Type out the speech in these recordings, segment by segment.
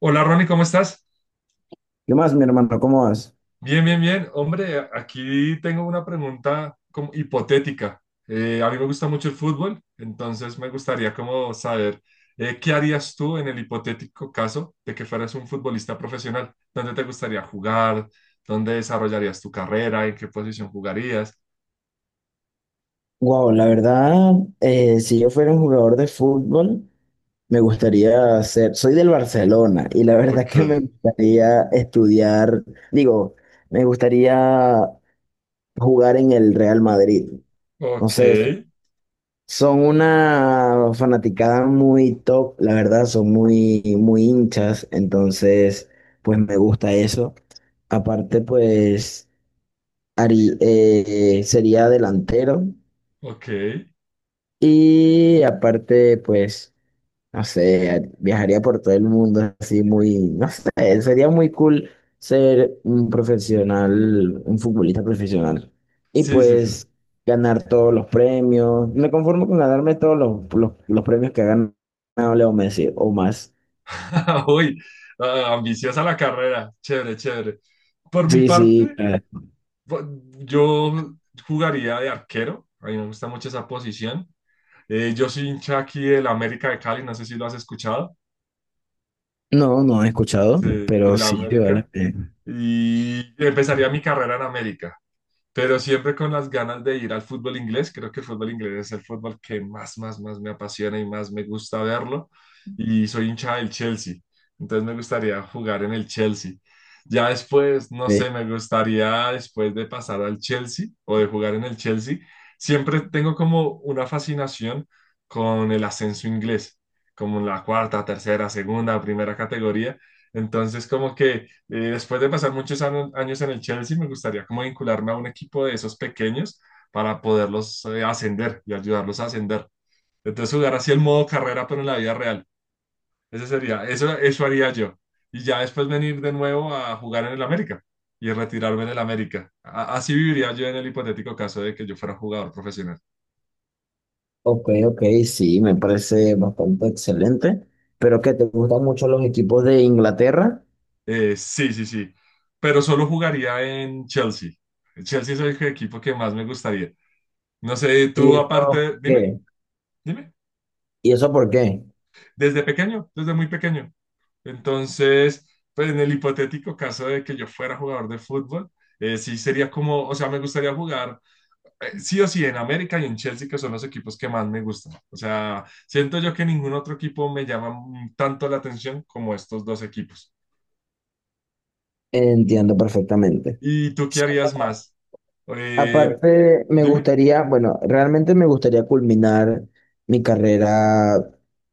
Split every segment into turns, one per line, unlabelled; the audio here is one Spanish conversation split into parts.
Hola, Ronnie, ¿cómo estás?
¿Qué más, mi hermano? ¿Cómo vas?
Bien, bien, bien. Hombre, aquí tengo una pregunta como hipotética. A mí me gusta mucho el fútbol, entonces me gustaría como saber qué harías tú en el hipotético caso de que fueras un futbolista profesional. ¿Dónde te gustaría jugar? ¿Dónde desarrollarías tu carrera? ¿En qué posición jugarías?
Wow, la verdad, si yo fuera un jugador de fútbol, me gustaría ser, soy del Barcelona y la verdad
Ok,
que me gustaría estudiar, digo, me gustaría jugar en el Real Madrid. No
ok,
sé, son una fanaticada muy top, la verdad, son muy, muy hinchas, entonces, pues me gusta eso. Aparte, pues, sería delantero.
ok.
Y aparte, pues, no sé, viajaría por todo el mundo así muy, no sé, sería muy cool ser un profesional, un futbolista profesional. Y
Sí, sí, sí.
pues ganar todos los premios. Me conformo con ganarme todos los premios que ha ganado Leo Messi o más.
Uy, ah, ambiciosa la carrera. Chévere, chévere. Por mi
Sí, sí.
parte... Yo jugaría de arquero, a mí me gusta mucho esa posición. Yo soy hincha aquí del América de Cali, no sé si lo has escuchado,
No, no he escuchado,
sí,
pero
del
sí, vale.
América. Y empezaría mi carrera en América, pero siempre con las ganas de ir al fútbol inglés. Creo que el fútbol inglés es el fútbol que más me apasiona y más me gusta verlo. Y soy hincha del Chelsea, entonces me gustaría jugar en el Chelsea. Ya después, no
Eh,
sé, me gustaría después de pasar al Chelsea o de jugar en el Chelsea, siempre tengo como una fascinación con el ascenso inglés, como en la cuarta, tercera, segunda, primera categoría. Entonces, como que después de pasar muchos años en el Chelsea, me gustaría como vincularme a un equipo de esos pequeños para poderlos ascender y ayudarlos a ascender. Entonces jugar así el modo carrera, pero en la vida real. Ese sería, eso haría yo. Y ya después venir de nuevo a jugar en el América y retirarme en el América. Así viviría yo en el hipotético caso de que yo fuera jugador profesional.
Ok, ok, sí, me parece bastante excelente. Pero que te gustan mucho los equipos de Inglaterra.
Sí, sí, sí. Pero solo jugaría en Chelsea. Chelsea es el equipo que más me gustaría. No sé,
¿Y
tú
eso
aparte, dime,
qué?
dime.
¿Y eso por qué?
Desde pequeño, desde muy pequeño. Entonces, pues en el hipotético caso de que yo fuera jugador de fútbol, sí sería como, o sea, me gustaría jugar, sí o sí, en América y en Chelsea, que son los equipos que más me gustan. O sea, siento yo que ningún otro equipo me llama tanto la atención como estos dos equipos.
Entiendo perfectamente.
¿Y tú qué
Sí,
harías
bueno,
más? Eh,
aparte, me
dime.
gustaría, bueno, realmente me gustaría culminar mi carrera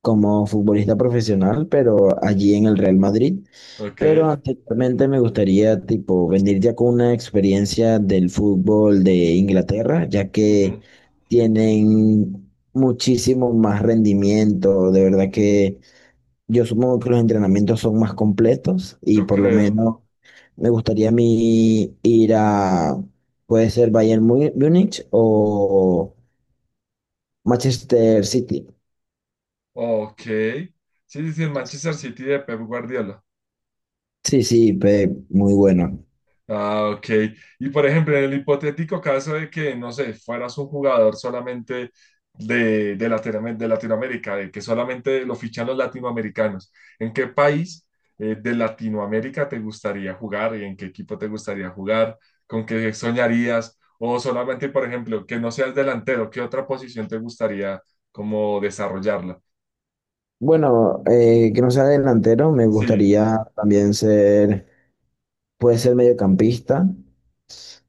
como futbolista profesional, pero allí en el Real Madrid.
Ok.
Pero anteriormente me gustaría, tipo, venir ya con una experiencia del fútbol de Inglaterra, ya
Ujú.
que tienen muchísimo más rendimiento. De verdad que yo supongo que los entrenamientos son más completos y
Yo
por lo
creo.
menos me gustaría a mí ir a, puede ser Múnich o Manchester City.
Ok. Sí, sí, sí, el Manchester City de Pep Guardiola.
Sí, sí, muy bueno.
Ah, ok. Y por ejemplo, en el hipotético caso de que, no sé, fueras un jugador solamente de de Latinoamérica, de que solamente lo fichan los latinoamericanos, ¿en qué país, de Latinoamérica, te gustaría jugar y en qué equipo te gustaría jugar? ¿Con qué soñarías? O solamente, por ejemplo, que no seas delantero, ¿qué otra posición te gustaría como desarrollarla?
Bueno, que no sea delantero, me
Sí,
gustaría también ser, puede ser mediocampista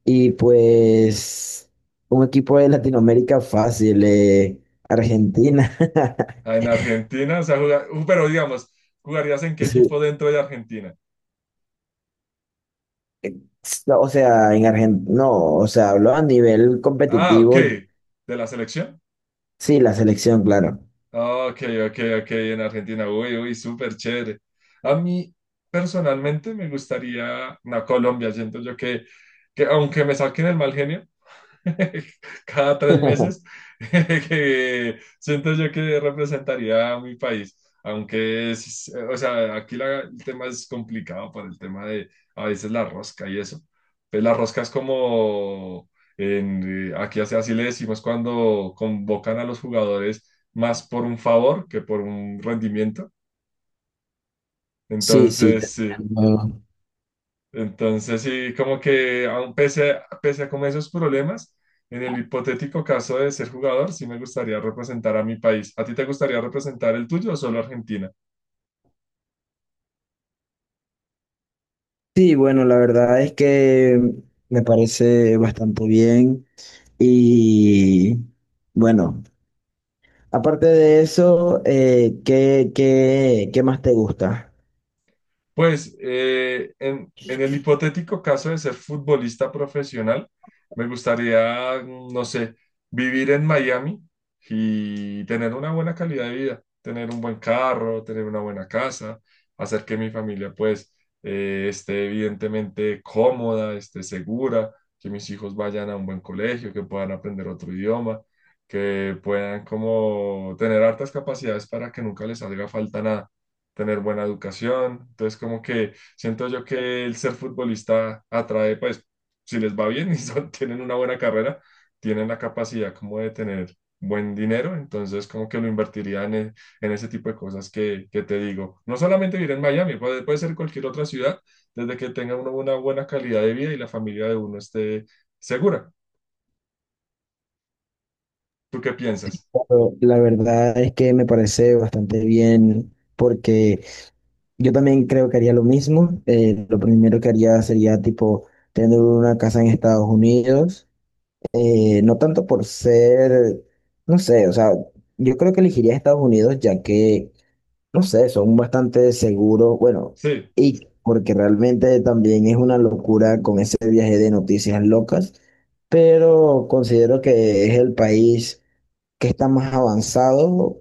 y pues un equipo de Latinoamérica fácil, Argentina.
en Argentina, o sea, pero digamos, ¿jugarías en qué equipo
Sí,
dentro de Argentina?
no, o sea, en Argentina, no, o sea, hablo a nivel
Ah, ok.
competitivo,
¿De la selección?
sí, la selección, claro.
Ok, ok, ok, en Argentina. Uy, uy, súper chévere. A mí, personalmente, me gustaría, no, Colombia, siento yo que aunque me saquen el mal genio cada tres meses, que siento yo que representaría a mi país. Aunque es, o sea, aquí el tema es complicado por el tema de a veces la rosca y eso. Pues la rosca es como, en, aquí así, así le decimos cuando convocan a los jugadores más por un favor que por un rendimiento.
Sí, sí.
Entonces,
Te
sí,
entiendo.
entonces, sí, como que aún pese a como esos problemas, en el hipotético caso de ser jugador, sí me gustaría representar a mi país. ¿A ti te gustaría representar el tuyo o solo Argentina?
Sí, bueno, la verdad es que me parece bastante bien y bueno, aparte de eso, ¿qué más te gusta?
Pues en el hipotético caso de ser futbolista profesional, me gustaría, no sé, vivir en Miami y tener una buena calidad de vida, tener un buen carro, tener una buena casa, hacer que mi familia pues esté evidentemente cómoda, esté segura, que mis hijos vayan a un buen colegio, que puedan aprender otro idioma, que puedan como tener hartas capacidades para que nunca les haga falta nada, tener buena educación. Entonces, como que siento yo que el ser futbolista atrae, pues, si les va bien y tienen una buena carrera, tienen la capacidad como de tener buen dinero, entonces como que lo invertiría en ese tipo de cosas que te digo. No solamente vivir en Miami, puede, puede ser cualquier otra ciudad, desde que tenga uno una buena calidad de vida y la familia de uno esté segura. ¿Tú qué piensas?
Pero la verdad es que me parece bastante bien porque yo también creo que haría lo mismo. Lo primero que haría sería tipo tener una casa en Estados Unidos. No tanto por ser, no sé, o sea, yo creo que elegiría Estados Unidos ya que, no sé, son bastante seguros. Bueno,
Sí,
y porque realmente también es una locura con ese viaje de noticias locas, pero considero que es el país que está más avanzado,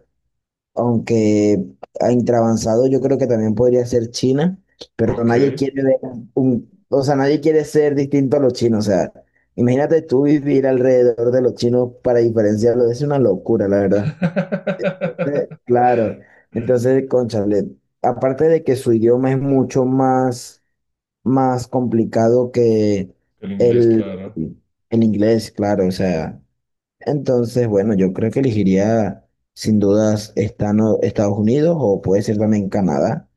aunque intravanzado yo creo que también podría ser China, pero
ok.
nadie quiere ver un, o sea, nadie quiere ser distinto a los chinos, o sea, imagínate tú vivir alrededor de los chinos para diferenciarlos, es una locura, la verdad. Claro, entonces, cónchale, aparte de que su idioma es mucho más, más complicado que
El inglés,
el,
claro.
el inglés, claro, o sea, entonces, bueno, yo creo que elegiría sin dudas Estados Unidos o puede ser también Canadá,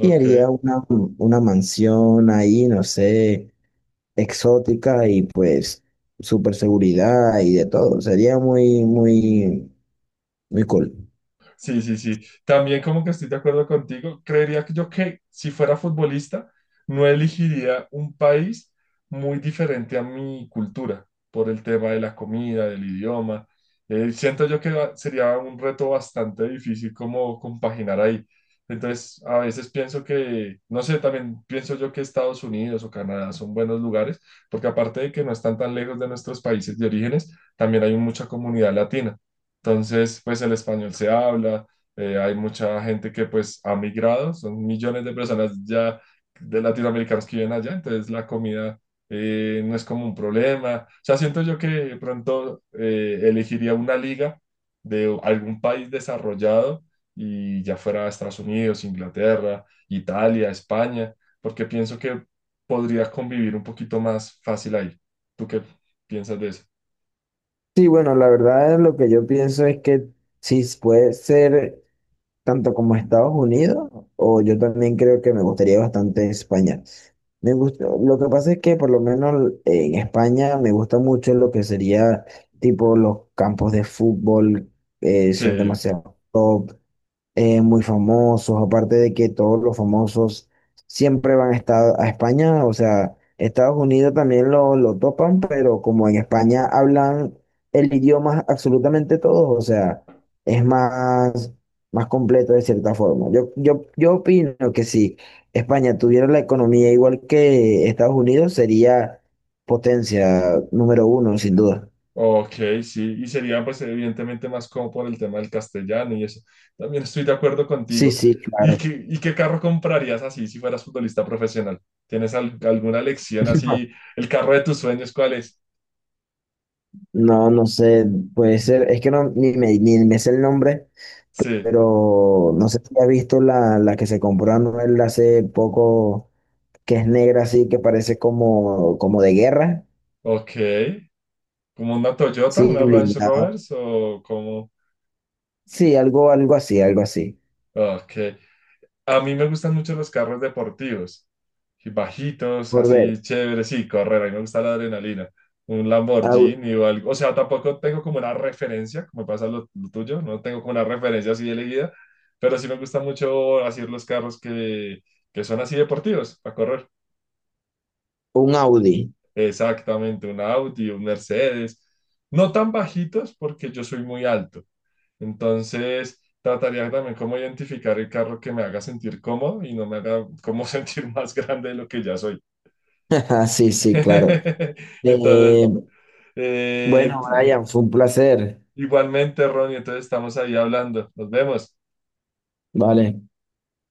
y haría una mansión ahí, no sé, exótica y pues super seguridad y de todo. Sería muy, muy, muy cool.
Sí, sí, sí. También como que estoy de acuerdo contigo. Creería que yo que si fuera futbolista, no elegiría un país muy diferente a mi cultura por el tema de la comida, del idioma. Siento yo que sería un reto bastante difícil como compaginar ahí. Entonces, a veces pienso que, no sé, también pienso yo que Estados Unidos o Canadá son buenos lugares, porque aparte de que no están tan lejos de nuestros países de orígenes, también hay mucha comunidad latina. Entonces, pues el español se habla, hay mucha gente que pues ha migrado, son millones de personas ya de latinoamericanos que viven allá, entonces la comida no es como un problema. O sea, siento yo que de pronto elegiría una liga de algún país desarrollado, y ya fuera Estados Unidos, Inglaterra, Italia, España, porque pienso que podría convivir un poquito más fácil ahí. ¿Tú qué piensas de eso?
Sí, bueno, la verdad lo que yo pienso es que si puede ser, tanto como Estados Unidos, o yo también creo que me gustaría bastante España. Me gusta, lo que pasa es que por lo menos en España me gusta mucho lo que sería tipo los campos de fútbol, son
Sí,
demasiado top, muy famosos, aparte de que todos los famosos siempre van a estar a España, o sea, Estados Unidos también lo topan, pero como en España hablan el idioma absolutamente todos, o sea, es más, más completo de cierta forma. Yo opino que si España tuviera la economía igual que Estados Unidos, sería potencia número uno, sin duda.
ok, sí, y sería pues evidentemente más como por el tema del castellano y eso. También estoy de acuerdo
Sí,
contigo.
sí, claro.
Y qué carro comprarías así si fueras futbolista profesional? ¿Tienes alguna lección así? ¿El carro de tus sueños cuál es?
No, no sé, puede ser, es que no, ni me sé el nombre,
Sí,
pero no sé si has visto la, la que se compró Anuel hace poco, que es negra así, que parece como, como de guerra,
ok. ¿Como una Toyota,
sí,
una Range
blindada,
Rovers o como...
sí, algo, algo así,
Ok. A mí me gustan mucho los carros deportivos, y bajitos,
por ver,
así chéveres, sí, correr, a mí me gusta la adrenalina. Un
au-
Lamborghini o algo, o sea, tampoco tengo como una referencia, como pasa lo tuyo, no tengo como una referencia así elegida, pero sí me gusta mucho hacer los carros que son así deportivos para correr.
un Audi.
Exactamente, un Audi, un Mercedes, no tan bajitos porque yo soy muy alto. Entonces, trataría también cómo identificar el carro que me haga sentir cómodo y no me haga como sentir más grande de lo que ya soy.
Sí, sí, claro.
Entonces,
Eh,
eh,
bueno, Brian, fue un placer,
igualmente, Ronnie, entonces estamos ahí hablando. Nos vemos.
vale.